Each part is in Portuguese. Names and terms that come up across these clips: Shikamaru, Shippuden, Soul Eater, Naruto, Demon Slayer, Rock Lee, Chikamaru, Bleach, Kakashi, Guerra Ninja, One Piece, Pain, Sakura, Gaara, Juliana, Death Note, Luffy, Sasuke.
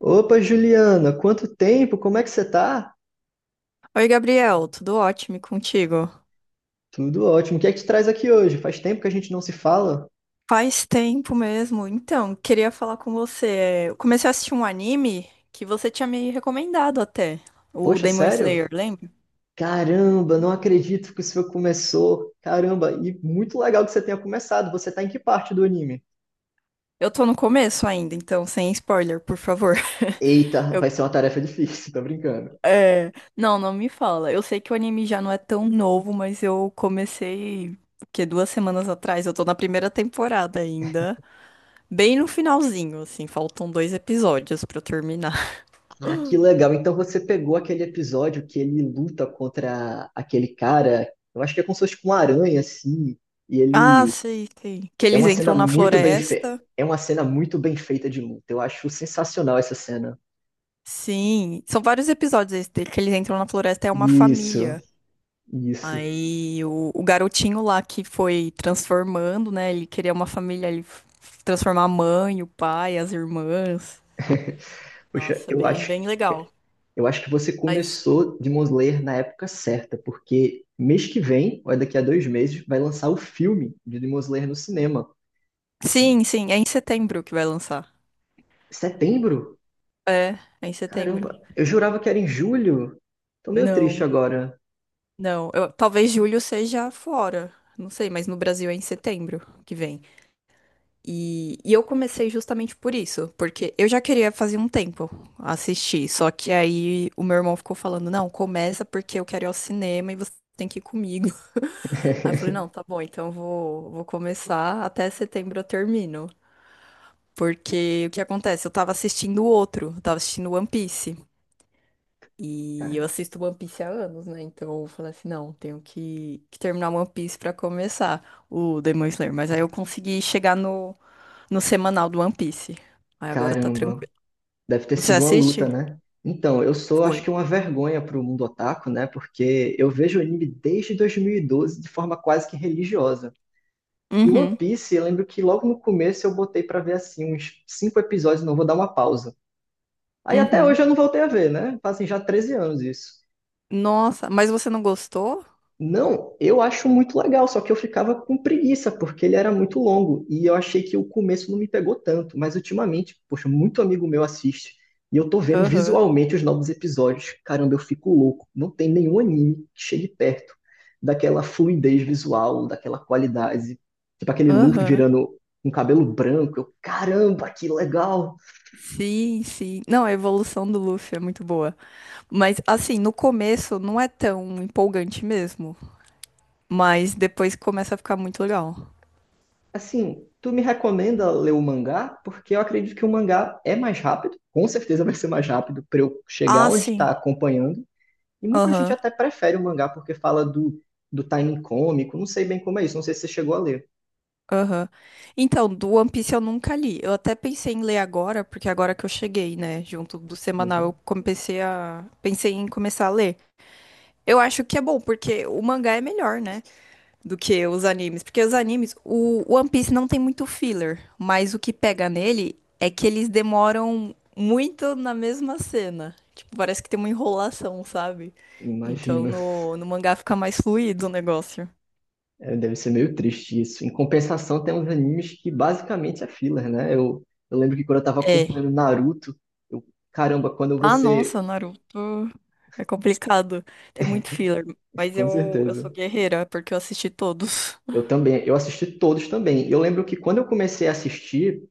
Opa, Juliana, quanto tempo? Como é que você tá? Oi, Gabriel, tudo ótimo e contigo? Tudo ótimo. O que é que te traz aqui hoje? Faz tempo que a gente não se fala. Faz tempo mesmo. Então, queria falar com você. Eu comecei a assistir um anime que você tinha me recomendado até, o Poxa, Demon sério? Slayer, lembra? Caramba, não acredito que isso começou. Caramba, e muito legal que você tenha começado. Você tá em que parte do anime? Eu tô no começo ainda, então sem spoiler, por favor. Eita, Eu- vai ser uma tarefa difícil, tô brincando. Não, não me fala. Eu sei que o anime já não é tão novo, mas eu comecei, o quê? Duas semanas atrás. Eu tô na primeira temporada ainda, bem no finalzinho, assim, faltam dois episódios pra eu terminar. Ah, que legal. Então você pegou aquele episódio que ele luta contra aquele cara, eu acho que é como se fosse com uma aranha, assim, e Ah, ele sei, sei. Que É eles uma cena entram na muito bem feita. floresta. É uma cena muito bem feita de luta. Eu acho sensacional essa cena. Sim, são vários episódios esse dele, que eles entram na floresta, é uma Isso, família. isso. Aí o garotinho lá que foi transformando, né? Ele queria uma família, transformar a mãe, o pai, as irmãs. Poxa, Nossa, eu bem, acho, bem legal. eu acho que você Mas começou Demon Slayer na época certa, porque mês que vem, ou é daqui a 2 meses, vai lançar o filme de Demon Slayer no cinema. sim, sim, é em setembro que vai lançar. Setembro? É, é em setembro. Caramba, eu jurava que era em julho. Tô meio triste Não, agora. não. Talvez julho seja fora. Não sei, mas no Brasil é em setembro que vem. E eu comecei justamente por isso, porque eu já queria fazer um tempo assistir, só que aí o meu irmão ficou falando, não, começa porque eu quero ir ao cinema e você tem que ir comigo. Aí eu falei, não, tá bom, então eu vou, vou começar, até setembro eu termino. Porque o que acontece? Eu tava assistindo outro, eu tava assistindo One Piece. E Ca- eu assisto One Piece há anos, né? Então eu falei assim, não, tenho que terminar One Piece pra começar o Demon Slayer. Mas aí eu consegui chegar no semanal do One Piece. Aí agora tá Caramba. tranquilo. Deve ter Você sido uma luta, assiste? né? Então, eu sou, acho que, Foi. uma vergonha para o mundo otaku, né? Porque eu vejo anime desde 2012 de forma quase que religiosa. E One Uhum, Piece, eu lembro que logo no começo eu botei para ver, assim, uns cinco episódios, não vou dar uma pausa. Aí até uhum. hoje eu não voltei a ver, né? Fazem já 13 anos isso. Nossa, mas você não gostou? Não, eu acho muito legal, só que eu ficava com preguiça, porque ele era muito longo, e eu achei que o começo não me pegou tanto, mas ultimamente, poxa, muito amigo meu assiste, e eu tô vendo Aham, visualmente os novos episódios. Caramba, eu fico louco. Não tem nenhum anime que chegue perto daquela fluidez visual, daquela qualidade, tipo aquele Luffy aham. virando um cabelo branco. Eu, caramba, que legal! Sim, sim. Não, a evolução do Luffy é muito boa. Mas, assim, no começo não é tão empolgante mesmo. Mas depois começa a ficar muito legal. Assim, tu me recomenda ler o mangá? Porque eu acredito que o mangá é mais rápido, com certeza vai ser mais rápido para eu chegar Ah, onde sim. está acompanhando. E muita gente Aham, até prefere o mangá porque fala do timing cômico, não sei bem como é isso, não sei se você chegou a ler. aham. Então, do One Piece eu nunca li. Eu até pensei em ler agora, porque agora que eu cheguei, né, junto do semanal, eu Uhum. comecei a... Pensei em começar a ler. Eu acho que é bom, porque o mangá é melhor, né? Do que os animes. Porque os animes, o One Piece não tem muito filler, mas o que pega nele é que eles demoram muito na mesma cena. Tipo, parece que tem uma enrolação, sabe? Então Imagino. no mangá fica mais fluido o negócio. É, deve ser meio triste isso. Em compensação, tem uns animes que basicamente é filler, né? Eu lembro que quando eu estava É. acompanhando Naruto, eu, caramba, quando Ah, você. nossa, Naruto. É complicado. Tem muito filler. Mas Com eu certeza. sou guerreira, porque eu assisti todos. Eu também, eu assisti todos também. Eu lembro que quando eu comecei a assistir,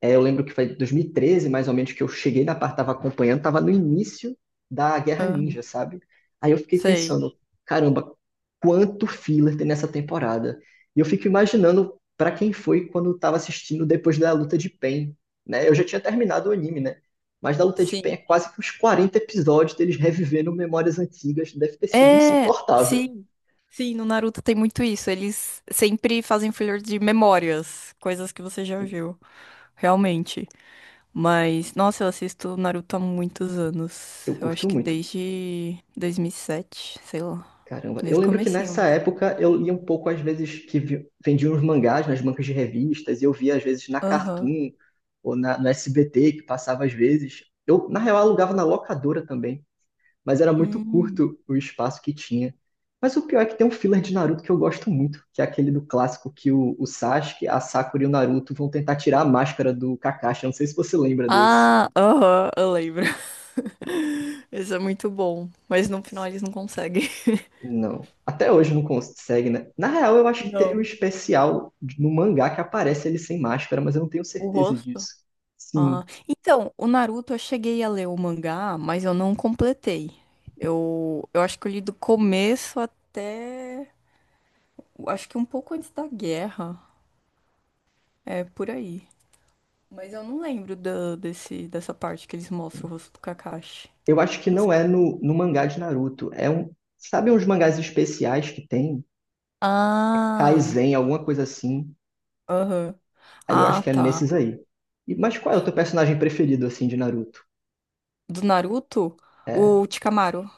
é, eu lembro que foi 2013, mais ou menos, que eu cheguei na parte, tava acompanhando, tava no início da Guerra Aham. Ninja, sabe? Aí eu fiquei Sei. pensando, caramba, quanto filler tem nessa temporada? E eu fico imaginando pra quem foi quando eu tava assistindo depois da luta de Pain, né? Eu já tinha terminado o anime, né? Mas da luta de Pain é Sim. quase que uns 40 episódios deles revivendo memórias antigas, deve ter sido É, insuportável. sim, sim, no Naruto tem muito isso. Eles sempre fazem filler de memórias, coisas que você já viu, realmente. Mas, nossa, eu assisto Naruto há muitos anos. Eu Eu acho curto que muito. desde 2007, sei lá, Caramba, eu desde o lembro que comecinho nessa mesmo. época eu lia um pouco, às vezes, que vendiam uns mangás nas bancas de revistas, e eu via, às vezes, na Aham. Cartoon ou no SBT, que passava às vezes. Eu, na real, alugava na locadora também, mas era muito Hum. curto o espaço que tinha. Mas o pior é que tem um filler de Naruto que eu gosto muito, que é aquele do clássico que o Sasuke, a Sakura e o Naruto vão tentar tirar a máscara do Kakashi. Eu não sei se você lembra desse. Ah, aham, eu lembro. Isso é muito bom, mas no final eles não conseguem. Não. Até hoje não consegue, né? Na real, eu acho que teve um Não. especial no mangá que aparece ele sem máscara, mas eu não tenho O certeza rosto? disso. Sim. Ah, então, o Naruto eu cheguei a ler o mangá, mas eu não completei. Eu acho que eu li do começo até, eu acho que um pouco antes da guerra, é por aí. Mas eu não lembro dessa parte que eles mostram o rosto do Kakashi. Eu acho que Não não sei. é no mangá de Naruto. É um. Sabe uns mangás especiais que tem? Ah, Kaizen, alguma coisa assim. aham. Aí eu acho Ah, que é tá. nesses aí. E, mas qual é o teu personagem preferido, assim, de Naruto? Do Naruto, É. o Chikamaru.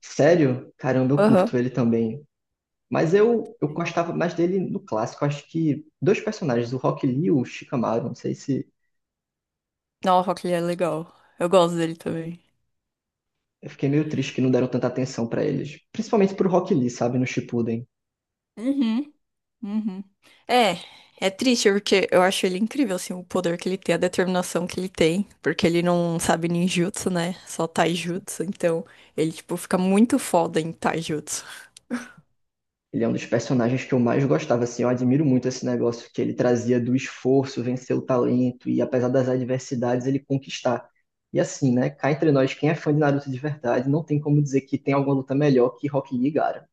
Sério? Caramba, eu Aham. curto ele também. Mas eu gostava mais dele no clássico. Acho que dois personagens, o Rock Lee e o Shikamaru. Não sei se. Nossa, que ele é legal. Eu gosto dele também. Eu fiquei meio triste que não deram tanta atenção pra eles. Principalmente pro Rock Lee, sabe, no Shippuden. Uhum. Uhum. É, é triste porque eu acho ele incrível, assim, o poder que ele tem, a determinação que ele tem, porque ele não sabe ninjutsu, né? Só taijutsu, então ele, tipo, fica muito foda em taijutsu. Ele é um dos personagens que eu mais gostava, assim, eu admiro muito esse negócio que ele trazia do esforço, vencer o talento e apesar das adversidades ele conquistar. E assim, né, cá entre nós, quem é fã de Naruto de verdade, não tem como dizer que tem alguma luta melhor que Rock Lee e Gaara.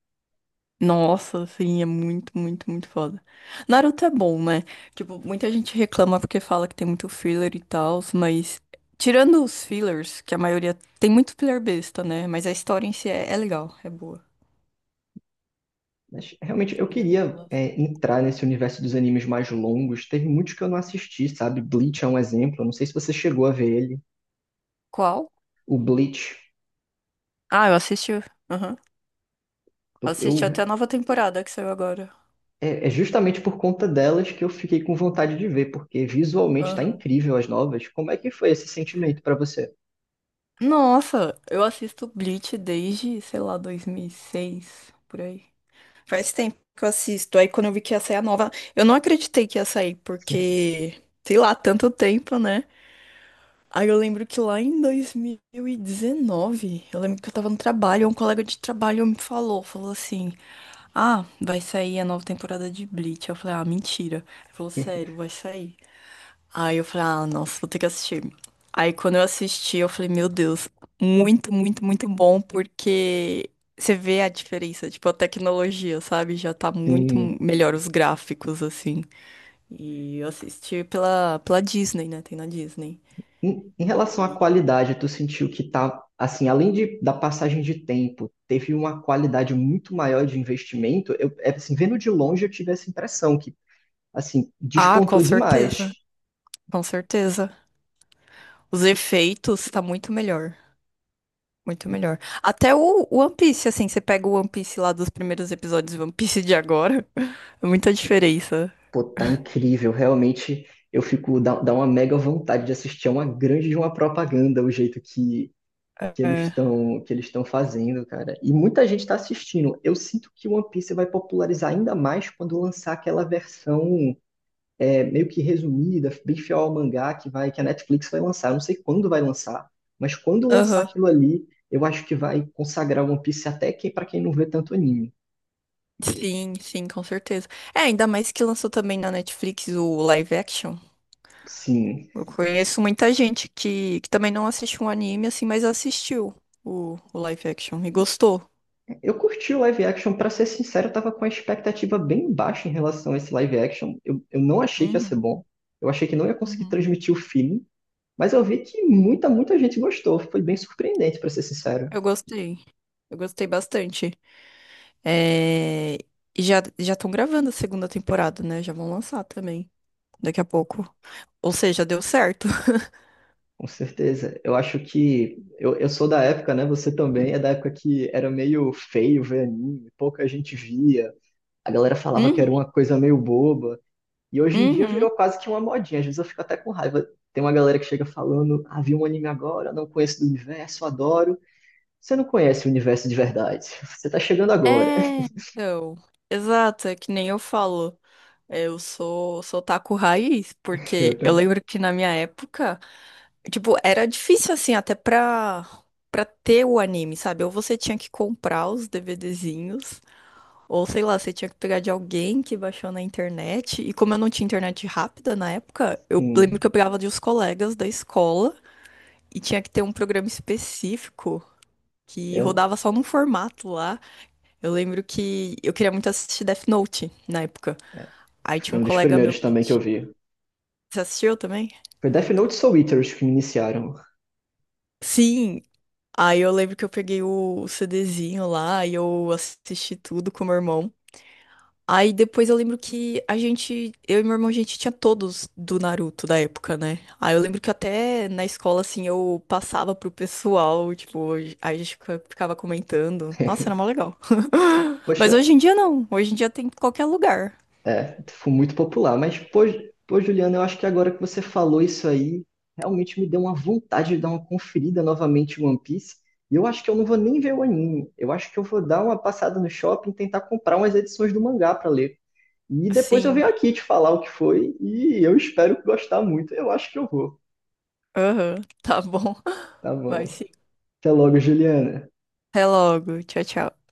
Nossa, assim, é muito, muito, muito foda. Naruto é bom, né? Tipo, muita gente reclama porque fala que tem muito filler e tal, mas tirando os fillers, que a maioria tem muito filler besta, né? Mas a história em si é legal, é boa. Mas realmente eu Tirando queria aquelas- é, entrar nesse universo dos animes mais longos. Teve muitos que eu não assisti, sabe? Bleach é um exemplo, eu não sei se você chegou a ver ele. Qual? O Bleach, Ah, eu assisti. Aham. eu, Assisti eu até a nova temporada que saiu agora. É justamente por conta delas que eu fiquei com vontade de ver, porque visualmente está Aham. incrível as novas. Como é que foi esse sentimento para você? Nossa, eu assisto Bleach desde, sei lá, 2006, por aí. Faz tempo que eu assisto. Aí quando eu vi que ia sair a nova, eu não acreditei que ia sair, porque, sei lá, tanto tempo, né? Aí eu lembro que lá em 2019, eu lembro que eu tava no trabalho, um colega de trabalho me falou, falou assim: "Ah, vai sair a nova temporada de Bleach". Eu falei: "Ah, mentira". Ele falou: "Sério, vai sair". Aí eu falei, ah, nossa, vou ter que assistir. Aí quando eu assisti, eu falei, meu Deus, muito, muito, muito bom, porque você vê a diferença, tipo, a tecnologia, sabe? Já tá muito Em, melhor os gráficos, assim. E eu assisti pela Disney, né? Tem na Disney. em relação à qualidade, tu sentiu que tá, assim, além da passagem de tempo, teve uma qualidade muito maior de investimento? Eu, é, assim, vendo de longe, eu tive essa impressão que, assim, Ah, com despontou demais. certeza, com certeza. Os efeitos tá muito melhor. Muito melhor. Até o One Piece, assim, você pega o One Piece lá dos primeiros episódios e o One Piece de agora, é muita diferença. Pô, tá incrível, realmente. Eu fico, dá uma mega vontade de assistir, é uma grande de uma propaganda, o jeito que É. Eles estão fazendo, cara. E muita gente está assistindo. Eu sinto que One Piece vai popularizar ainda mais quando lançar aquela versão, é, meio que resumida, bem fiel ao mangá que a Netflix vai lançar. Eu não sei quando vai lançar, mas quando lançar Aham. aquilo ali, eu acho que vai consagrar One Piece até que para quem não vê tanto anime. Sim, sim, com certeza. É, ainda mais que lançou também na Netflix o live action. Sim, Eu conheço muita gente que também não assiste um anime assim, mas assistiu o live action e gostou. eu curti o live action, pra ser sincero, eu tava com a expectativa bem baixa em relação a esse live action. Eu não achei que ia ser Uhum, bom, eu achei que não ia conseguir uhum. transmitir o feeling. Mas eu vi que muita, muita gente gostou. Foi bem surpreendente, para ser sincero. Eu gostei. Eu gostei bastante. É, e já já estão gravando a segunda temporada, né? Já vão lançar também daqui a pouco. Ou seja, deu certo. Com certeza. Eu acho que. Eu sou da época, né? Você também é da época que era meio feio ver anime, pouca gente via. A galera falava que era uma coisa meio boba. E hoje em Uhum, dia virou uhum. quase que uma modinha. Às vezes eu fico até com raiva. Tem uma galera que chega falando: Ah, vi um anime agora, não conheço do universo, adoro. Você não conhece o universo de verdade. Você tá chegando agora. É, então. Exato, é que nem eu falo. Eu sou, sou taco raiz, Eu porque eu também. lembro que na minha época, tipo, era difícil assim, até pra ter o anime, sabe? Ou você tinha que comprar os DVDzinhos, ou sei lá, você tinha que pegar de alguém que baixou na internet. E como eu não tinha internet rápida na época, eu lembro Sim. que eu pegava de uns colegas da escola e tinha que ter um programa específico. Que Eu, rodava só num formato lá. Eu lembro que eu queria muito assistir Death Note na época. é, Aí tinha foi um um dos colega meu primeiros que também que eu vi. você assistiu também? Foi Death Note e Soul Eater os que me iniciaram. Sim. Aí eu lembro que eu peguei o CDzinho lá e eu assisti tudo com meu irmão. Aí depois eu lembro que a gente, eu e meu irmão, a gente tinha todos do Naruto da época, né? Aí eu lembro que até na escola, assim, eu passava pro pessoal, tipo, aí a gente ficava comentando. Nossa, era mó legal. Mas Poxa, hoje em dia não. Hoje em dia tem em qualquer lugar. é, foi muito popular. Mas, pô, pô, Juliana, eu acho que agora que você falou isso aí, realmente me deu uma vontade de dar uma conferida novamente em One Piece. E eu acho que eu não vou nem ver o anime. Eu acho que eu vou dar uma passada no shopping, e tentar comprar umas edições do mangá para ler. E depois eu venho Sim. aqui te falar o que foi e eu espero gostar muito. Eu acho que eu vou. Aham. Tá bom. Tá Vai bom. sim. Até logo, Juliana. Até logo. Tchau, tchau.